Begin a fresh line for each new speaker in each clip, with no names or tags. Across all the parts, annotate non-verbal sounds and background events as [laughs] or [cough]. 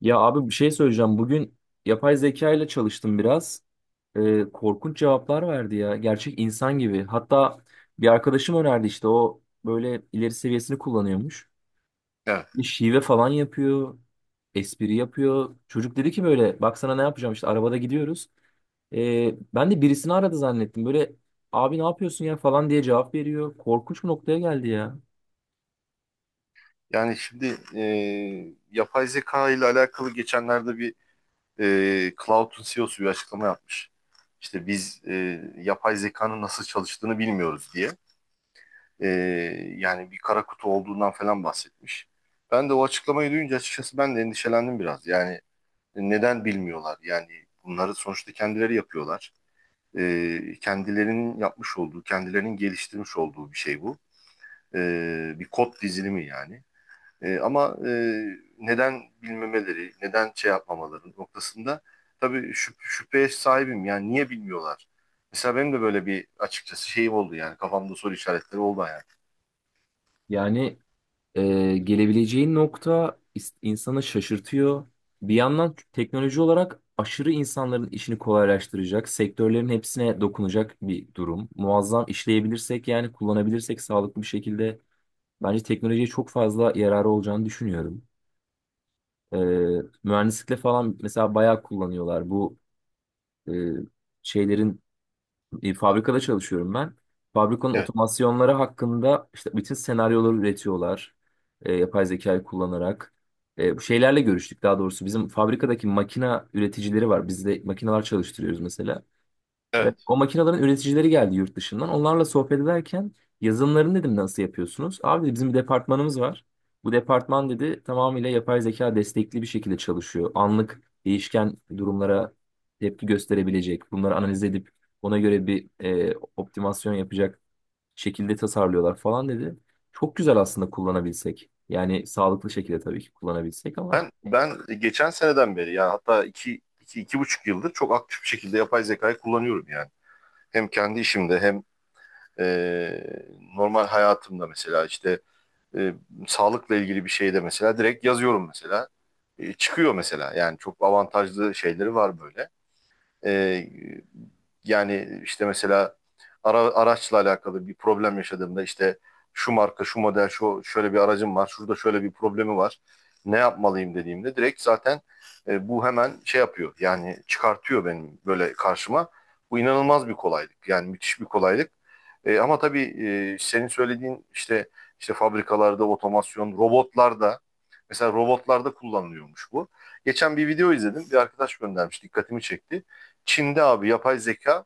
Ya abi bir şey söyleyeceğim. Bugün yapay zeka ile çalıştım biraz. Korkunç cevaplar verdi ya. Gerçek insan gibi. Hatta bir arkadaşım önerdi işte o böyle ileri seviyesini kullanıyormuş.
Evet.
Bir şive falan yapıyor. Espri yapıyor. Çocuk dedi ki böyle bak sana ne yapacağım işte arabada gidiyoruz. Ben de birisini aradı zannettim. Böyle abi ne yapıyorsun ya falan diye cevap veriyor. Korkunç bir noktaya geldi ya.
Yani şimdi yapay zeka ile alakalı geçenlerde bir Cloud'un CEO'su bir açıklama yapmış. İşte biz yapay zekanın nasıl çalıştığını bilmiyoruz diye. E, Yani bir kara kutu olduğundan falan bahsetmiş. Ben de o açıklamayı duyunca açıkçası ben de endişelendim biraz. Yani neden bilmiyorlar? Yani bunları sonuçta kendileri yapıyorlar. Kendilerinin yapmış olduğu, kendilerinin geliştirmiş olduğu bir şey bu. E, Bir kod dizilimi yani. Ama neden bilmemeleri, neden şey yapmamaları noktasında tabii şüpheye sahibim. Yani niye bilmiyorlar? Mesela benim de böyle bir açıkçası şeyim oldu yani kafamda soru işaretleri oldu yani.
Yani, gelebileceği nokta insanı şaşırtıyor. Bir yandan teknoloji olarak aşırı insanların işini kolaylaştıracak, sektörlerin hepsine dokunacak bir durum. Muazzam işleyebilirsek yani kullanabilirsek sağlıklı bir şekilde bence teknolojiye çok fazla yararı olacağını düşünüyorum. Ee, mühendislikte falan mesela bayağı kullanıyorlar bu e, şeylerin fabrikada çalışıyorum ben. Fabrikanın
Evet,
otomasyonları hakkında işte bütün senaryoları üretiyorlar. Yapay zekayı kullanarak. Bu şeylerle görüştük daha doğrusu. Bizim fabrikadaki makina üreticileri var. Biz de makineler çalıştırıyoruz mesela. Evet,
evet.
o makinelerin üreticileri geldi yurt dışından. Onlarla sohbet ederken yazılımlarını dedim nasıl yapıyorsunuz? Abi dedi, bizim bir departmanımız var. Bu departman dedi tamamıyla yapay zeka destekli bir şekilde çalışıyor. Anlık değişken durumlara tepki gösterebilecek, bunları analiz edip ona göre bir optimasyon yapacak şekilde tasarlıyorlar falan dedi. Çok güzel aslında kullanabilsek. Yani sağlıklı şekilde tabii ki kullanabilsek ama
Ben geçen seneden beri yani hatta 2,5 yıldır çok aktif bir şekilde yapay zekayı kullanıyorum yani. Hem kendi işimde hem e, normal hayatımda mesela işte e, sağlıkla ilgili bir şeyde mesela direkt yazıyorum mesela. Çıkıyor mesela. Yani çok avantajlı şeyleri var böyle. Ee, Yani işte mesela araçla alakalı bir problem yaşadığımda işte şu marka, şu model, şu şöyle bir aracım var, şurada şöyle bir problemi var. Ne yapmalıyım dediğimde direkt zaten bu hemen şey yapıyor. Yani çıkartıyor benim böyle karşıma. Bu inanılmaz bir kolaylık. Yani müthiş bir kolaylık. Ama tabii senin söylediğin işte fabrikalarda otomasyon, robotlarda mesela robotlarda kullanılıyormuş bu. Geçen bir video izledim. Bir arkadaş göndermiş, dikkatimi çekti. Çin'de abi yapay zeka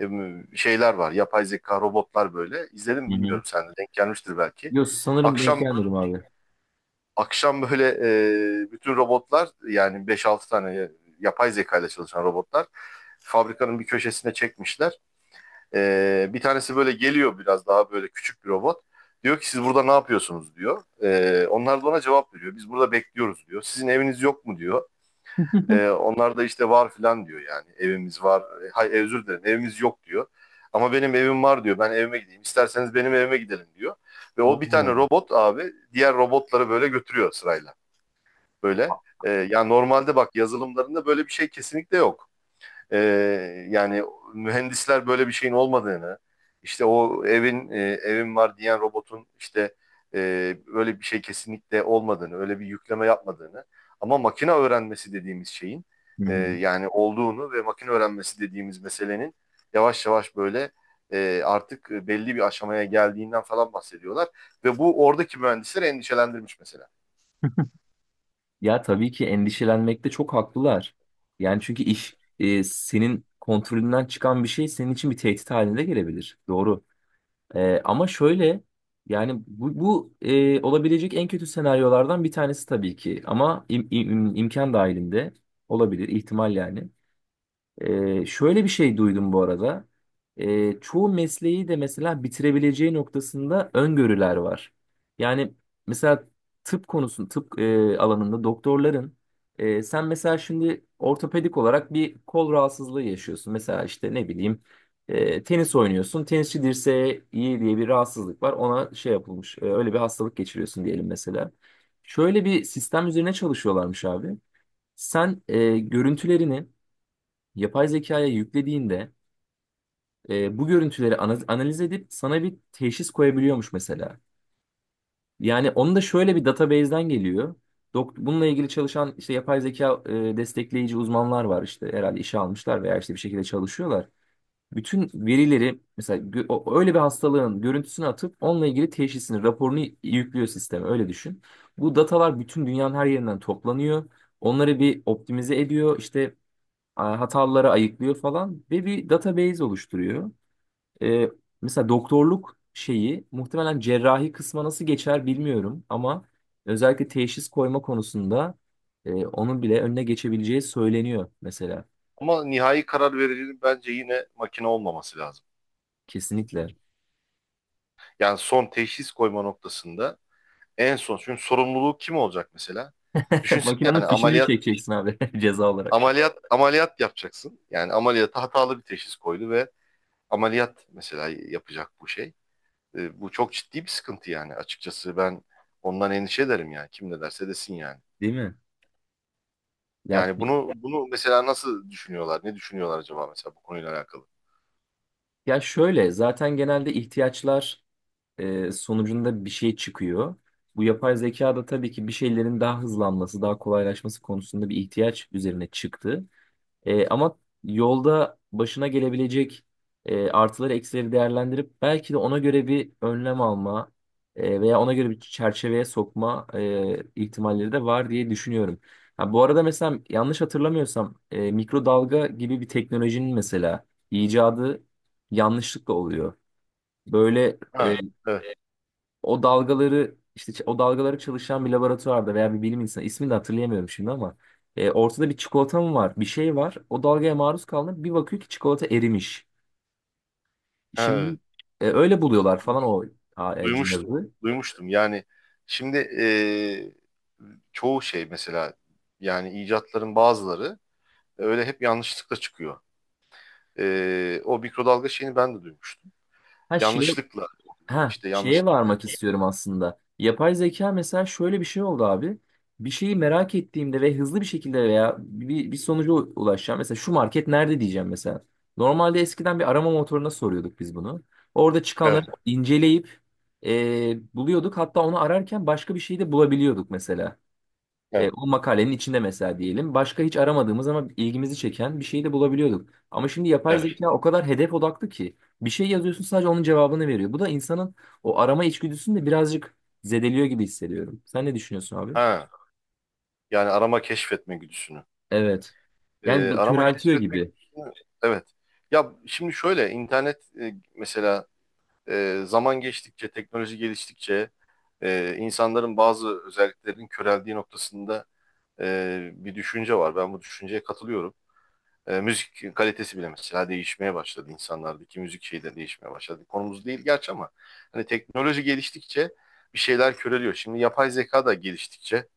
e, şeyler var. Yapay zeka robotlar böyle. İzledim
hı
mi
hı.
bilmiyorum sen de denk gelmiştir
[laughs]
belki.
Yok sanırım denk
Akşam
gelmedim abi.
akşam böyle bütün robotlar yani beş altı tane yapay zeka ile çalışan robotlar fabrikanın bir köşesine çekmişler. Bir tanesi böyle geliyor biraz daha böyle küçük bir robot. Diyor ki siz burada ne yapıyorsunuz diyor. Onlar da ona cevap veriyor. Biz burada bekliyoruz diyor. Sizin eviniz yok mu diyor. Onlar da işte var filan diyor yani. Evimiz var. Özür dilerim evimiz yok diyor. Ama benim evim var diyor. Ben evime gideyim. İsterseniz benim evime gidelim diyor. Ve o bir tane
Oo.
robot abi diğer robotları böyle götürüyor sırayla. Böyle. Yani normalde bak yazılımlarında böyle bir şey kesinlikle yok, e, yani mühendisler böyle bir şeyin olmadığını, işte o evin var diyen robotun işte e, öyle bir şey kesinlikle olmadığını, öyle bir yükleme yapmadığını, ama makine öğrenmesi dediğimiz şeyin
Hı hı.
yani olduğunu ve makine öğrenmesi dediğimiz meselenin yavaş yavaş böyle artık belli bir aşamaya geldiğinden falan bahsediyorlar ve bu oradaki mühendisleri endişelendirmiş mesela.
Ya tabii ki endişelenmekte çok haklılar. Yani çünkü iş senin kontrolünden çıkan bir şey senin için bir tehdit haline de gelebilir. Doğru. Ama şöyle yani bu olabilecek en kötü senaryolardan bir tanesi tabii ki. Ama imkan dahilinde olabilir ihtimal yani. Şöyle bir şey duydum bu arada. Çoğu mesleği de mesela bitirebileceği noktasında öngörüler var. Yani mesela tıp alanında doktorların sen mesela şimdi ortopedik olarak bir kol rahatsızlığı yaşıyorsun. Mesela işte ne bileyim tenis oynuyorsun. Tenisçi dirseği iyi diye bir rahatsızlık var. Ona şey yapılmış. Öyle bir hastalık geçiriyorsun diyelim mesela. Şöyle bir sistem üzerine çalışıyorlarmış abi. Sen görüntülerini yapay zekaya yüklediğinde bu görüntüleri analiz edip sana bir teşhis koyabiliyormuş mesela. Yani onu da şöyle bir database'den geliyor. Dok bununla ilgili çalışan işte yapay zeka destekleyici uzmanlar var işte herhalde işe almışlar veya işte bir şekilde çalışıyorlar. Bütün verileri mesela öyle bir hastalığın görüntüsünü atıp onunla ilgili teşhisini, raporunu yüklüyor sisteme öyle düşün. Bu datalar bütün dünyanın her yerinden toplanıyor. Onları bir optimize ediyor. İşte hataları ayıklıyor falan ve bir database oluşturuyor. Ee, mesela doktorluk şeyi muhtemelen cerrahi kısma nasıl geçer bilmiyorum ama özellikle teşhis koyma konusunda onun bile önüne geçebileceği söyleniyor mesela.
Ama nihai karar vericinin bence yine makine olmaması lazım.
Kesinlikle.
Yani son teşhis koyma noktasında en son, çünkü sorumluluğu kim olacak mesela?
[laughs]
Düşünsene,
Makinenin
yani
fişini mi
ameliyat
çekeceksin abi [laughs] ceza olarak?
ameliyat ameliyat yapacaksın. Yani ameliyata hatalı bir teşhis koydu ve ameliyat mesela yapacak bu şey. Bu çok ciddi bir sıkıntı yani, açıkçası ben ondan endişe ederim yani, kim ne derse desin yani.
Değil mi? Ya,
Yani bunu mesela nasıl düşünüyorlar? Ne düşünüyorlar acaba mesela bu konuyla alakalı?
ya şöyle zaten genelde ihtiyaçlar sonucunda bir şey çıkıyor. Bu yapay zeka da tabii ki bir şeylerin daha hızlanması, daha kolaylaşması konusunda bir ihtiyaç üzerine çıktı. Ama yolda başına gelebilecek artıları eksileri değerlendirip belki de ona göre bir önlem alma veya ona göre bir çerçeveye sokma ihtimalleri de var diye düşünüyorum. Ha, bu arada mesela yanlış hatırlamıyorsam mikrodalga gibi bir teknolojinin mesela icadı yanlışlıkla oluyor. Böyle
Ha, evet,
o dalgaları işte o dalgaları çalışan bir laboratuvarda veya bir bilim insanı ismini de hatırlayamıyorum şimdi ama ortada bir çikolata mı var bir şey var o dalgaya maruz kaldı bir bakıyor ki çikolata erimiş.
evet.
Şimdi öyle buluyorlar falan o
Duymuştum onu.
cihazı.
Duymuştum. Yani şimdi çoğu şey mesela, yani icatların bazıları öyle hep yanlışlıkla çıkıyor. O mikrodalga şeyini ben de duymuştum.
Her şeye
Yanlışlıkla,
Ha,
işte
şeye
yanlışlıkla
varmak
yapılıyor.
istiyorum aslında. Yapay zeka mesela şöyle bir şey oldu abi. Bir şeyi merak ettiğimde ve hızlı bir şekilde veya bir sonuca ulaşacağım. Mesela şu market nerede diyeceğim mesela. Normalde eskiden bir arama motoruna soruyorduk biz bunu. Orada çıkanları
Evet,
inceleyip buluyorduk. Hatta onu ararken başka bir şey de bulabiliyorduk mesela. E,
evet,
o makalenin içinde mesela diyelim. Başka hiç aramadığımız ama ilgimizi çeken bir şeyi de bulabiliyorduk. Ama şimdi yapay
evet.
zeka o kadar hedef odaklı ki bir şey yazıyorsun sadece onun cevabını veriyor. Bu da insanın o arama içgüdüsünü de birazcık zedeliyor gibi hissediyorum. Sen ne düşünüyorsun abi?
Ha, yani arama keşfetme güdüsünü.
Evet. Yani
Arama
köreltiyor
keşfetme
gibi.
güdüsünü, evet. Ya şimdi şöyle internet mesela, zaman geçtikçe, teknoloji geliştikçe, insanların bazı özelliklerinin köreldiği noktasında bir düşünce var. Ben bu düşünceye katılıyorum. Müzik kalitesi bile mesela değişmeye başladı, insanlardaki müzik şeyi de değişmeye başladı. Konumuz değil gerçi ama, hani teknoloji geliştikçe bir şeyler köreliyor. Şimdi yapay zeka da geliştikçe,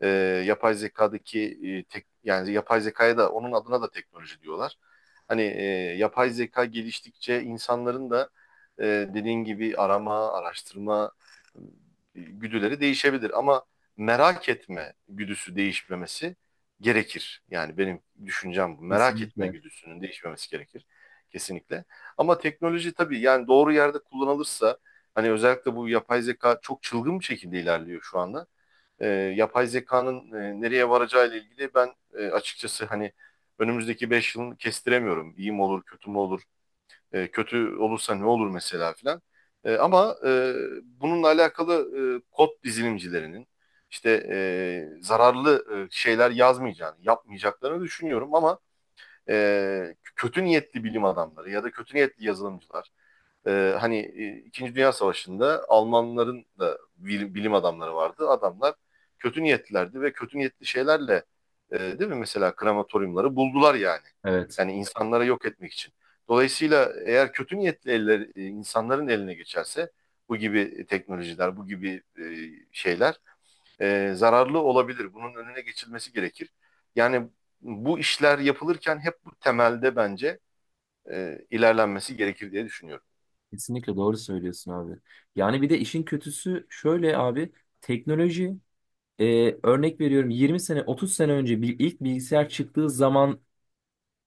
e, yapay zekadaki yani yapay zekaya da onun adına da teknoloji diyorlar. Hani yapay zeka geliştikçe insanların da e, dediğin gibi arama, araştırma e, güdüleri değişebilir, ama merak etme güdüsü değişmemesi gerekir. Yani benim düşüncem bu. Merak etme
Kesinlikle.
güdüsünün değişmemesi gerekir kesinlikle. Ama teknoloji tabii, yani doğru yerde kullanılırsa, hani özellikle bu yapay zeka çok çılgın bir şekilde ilerliyor şu anda, e, yapay zekanın nereye varacağıyla ilgili ben açıkçası, hani önümüzdeki 5 yılını kestiremiyorum. İyi mi olur, kötü mü olur, kötü olursa ne olur mesela filan. Ama bununla alakalı, kod dizilimcilerinin işte zararlı şeyler yazmayacağını, yapmayacaklarını düşünüyorum, ama kötü niyetli bilim adamları ya da kötü niyetli yazılımcılar, hani İkinci Dünya Savaşı'nda Almanların da bilim adamları vardı. Adamlar kötü niyetlilerdi ve kötü niyetli şeylerle, değil mi, mesela krematoryumları buldular yani.
Evet.
Yani insanlara yok etmek için. Dolayısıyla eğer kötü niyetli eller, insanların eline geçerse, bu gibi teknolojiler, bu gibi şeyler zararlı olabilir. Bunun önüne geçilmesi gerekir. Yani bu işler yapılırken hep bu temelde bence ilerlenmesi gerekir diye düşünüyorum.
Kesinlikle doğru söylüyorsun abi. Yani bir de işin kötüsü şöyle abi. Teknoloji örnek veriyorum 20 sene 30 sene önce bir ilk bilgisayar çıktığı zaman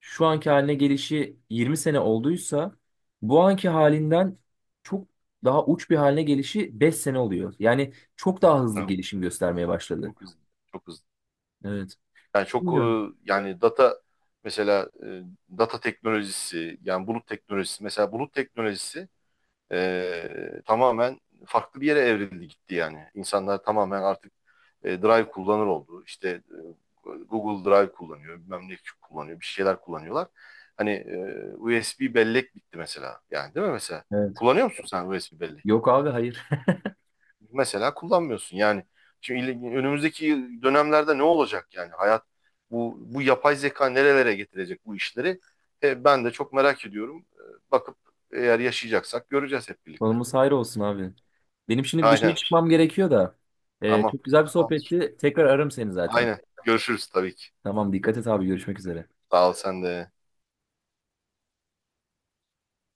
şu anki haline gelişi 20 sene olduysa bu anki halinden çok daha uç bir haline gelişi 5 sene oluyor. Yani çok daha hızlı gelişim göstermeye başladı.
Çok hızlı. Çok hızlı.
Evet.
Yani çok
Bilmiyorum.
yani data mesela, data teknolojisi, yani bulut teknolojisi, mesela bulut teknolojisi tamamen farklı bir yere evrildi gitti yani. İnsanlar tamamen artık Drive kullanır oldu. İşte Google Drive kullanıyor, bilmem ne kullanıyor, bir şeyler kullanıyorlar. Hani USB bellek bitti mesela. Yani değil mi mesela?
Evet.
Kullanıyor musun sen USB bellek?
Yok abi hayır. [laughs]
Mesela kullanmıyorsun. Yani şimdi önümüzdeki dönemlerde ne olacak, yani hayat, bu yapay zeka nerelere getirecek bu işleri? Ben de çok merak ediyorum. Bakıp, eğer yaşayacaksak göreceğiz hep birlikte.
Konumuz hayır olsun abi. Benim şimdi bir dışarı
Aynen.
çıkmam gerekiyor da. Ee,
Tamam.
çok güzel bir
Tamamdır.
sohbetti. Tekrar ararım seni zaten.
Aynen. Görüşürüz tabii ki.
Tamam dikkat et abi görüşmek üzere.
Sağ ol sen de.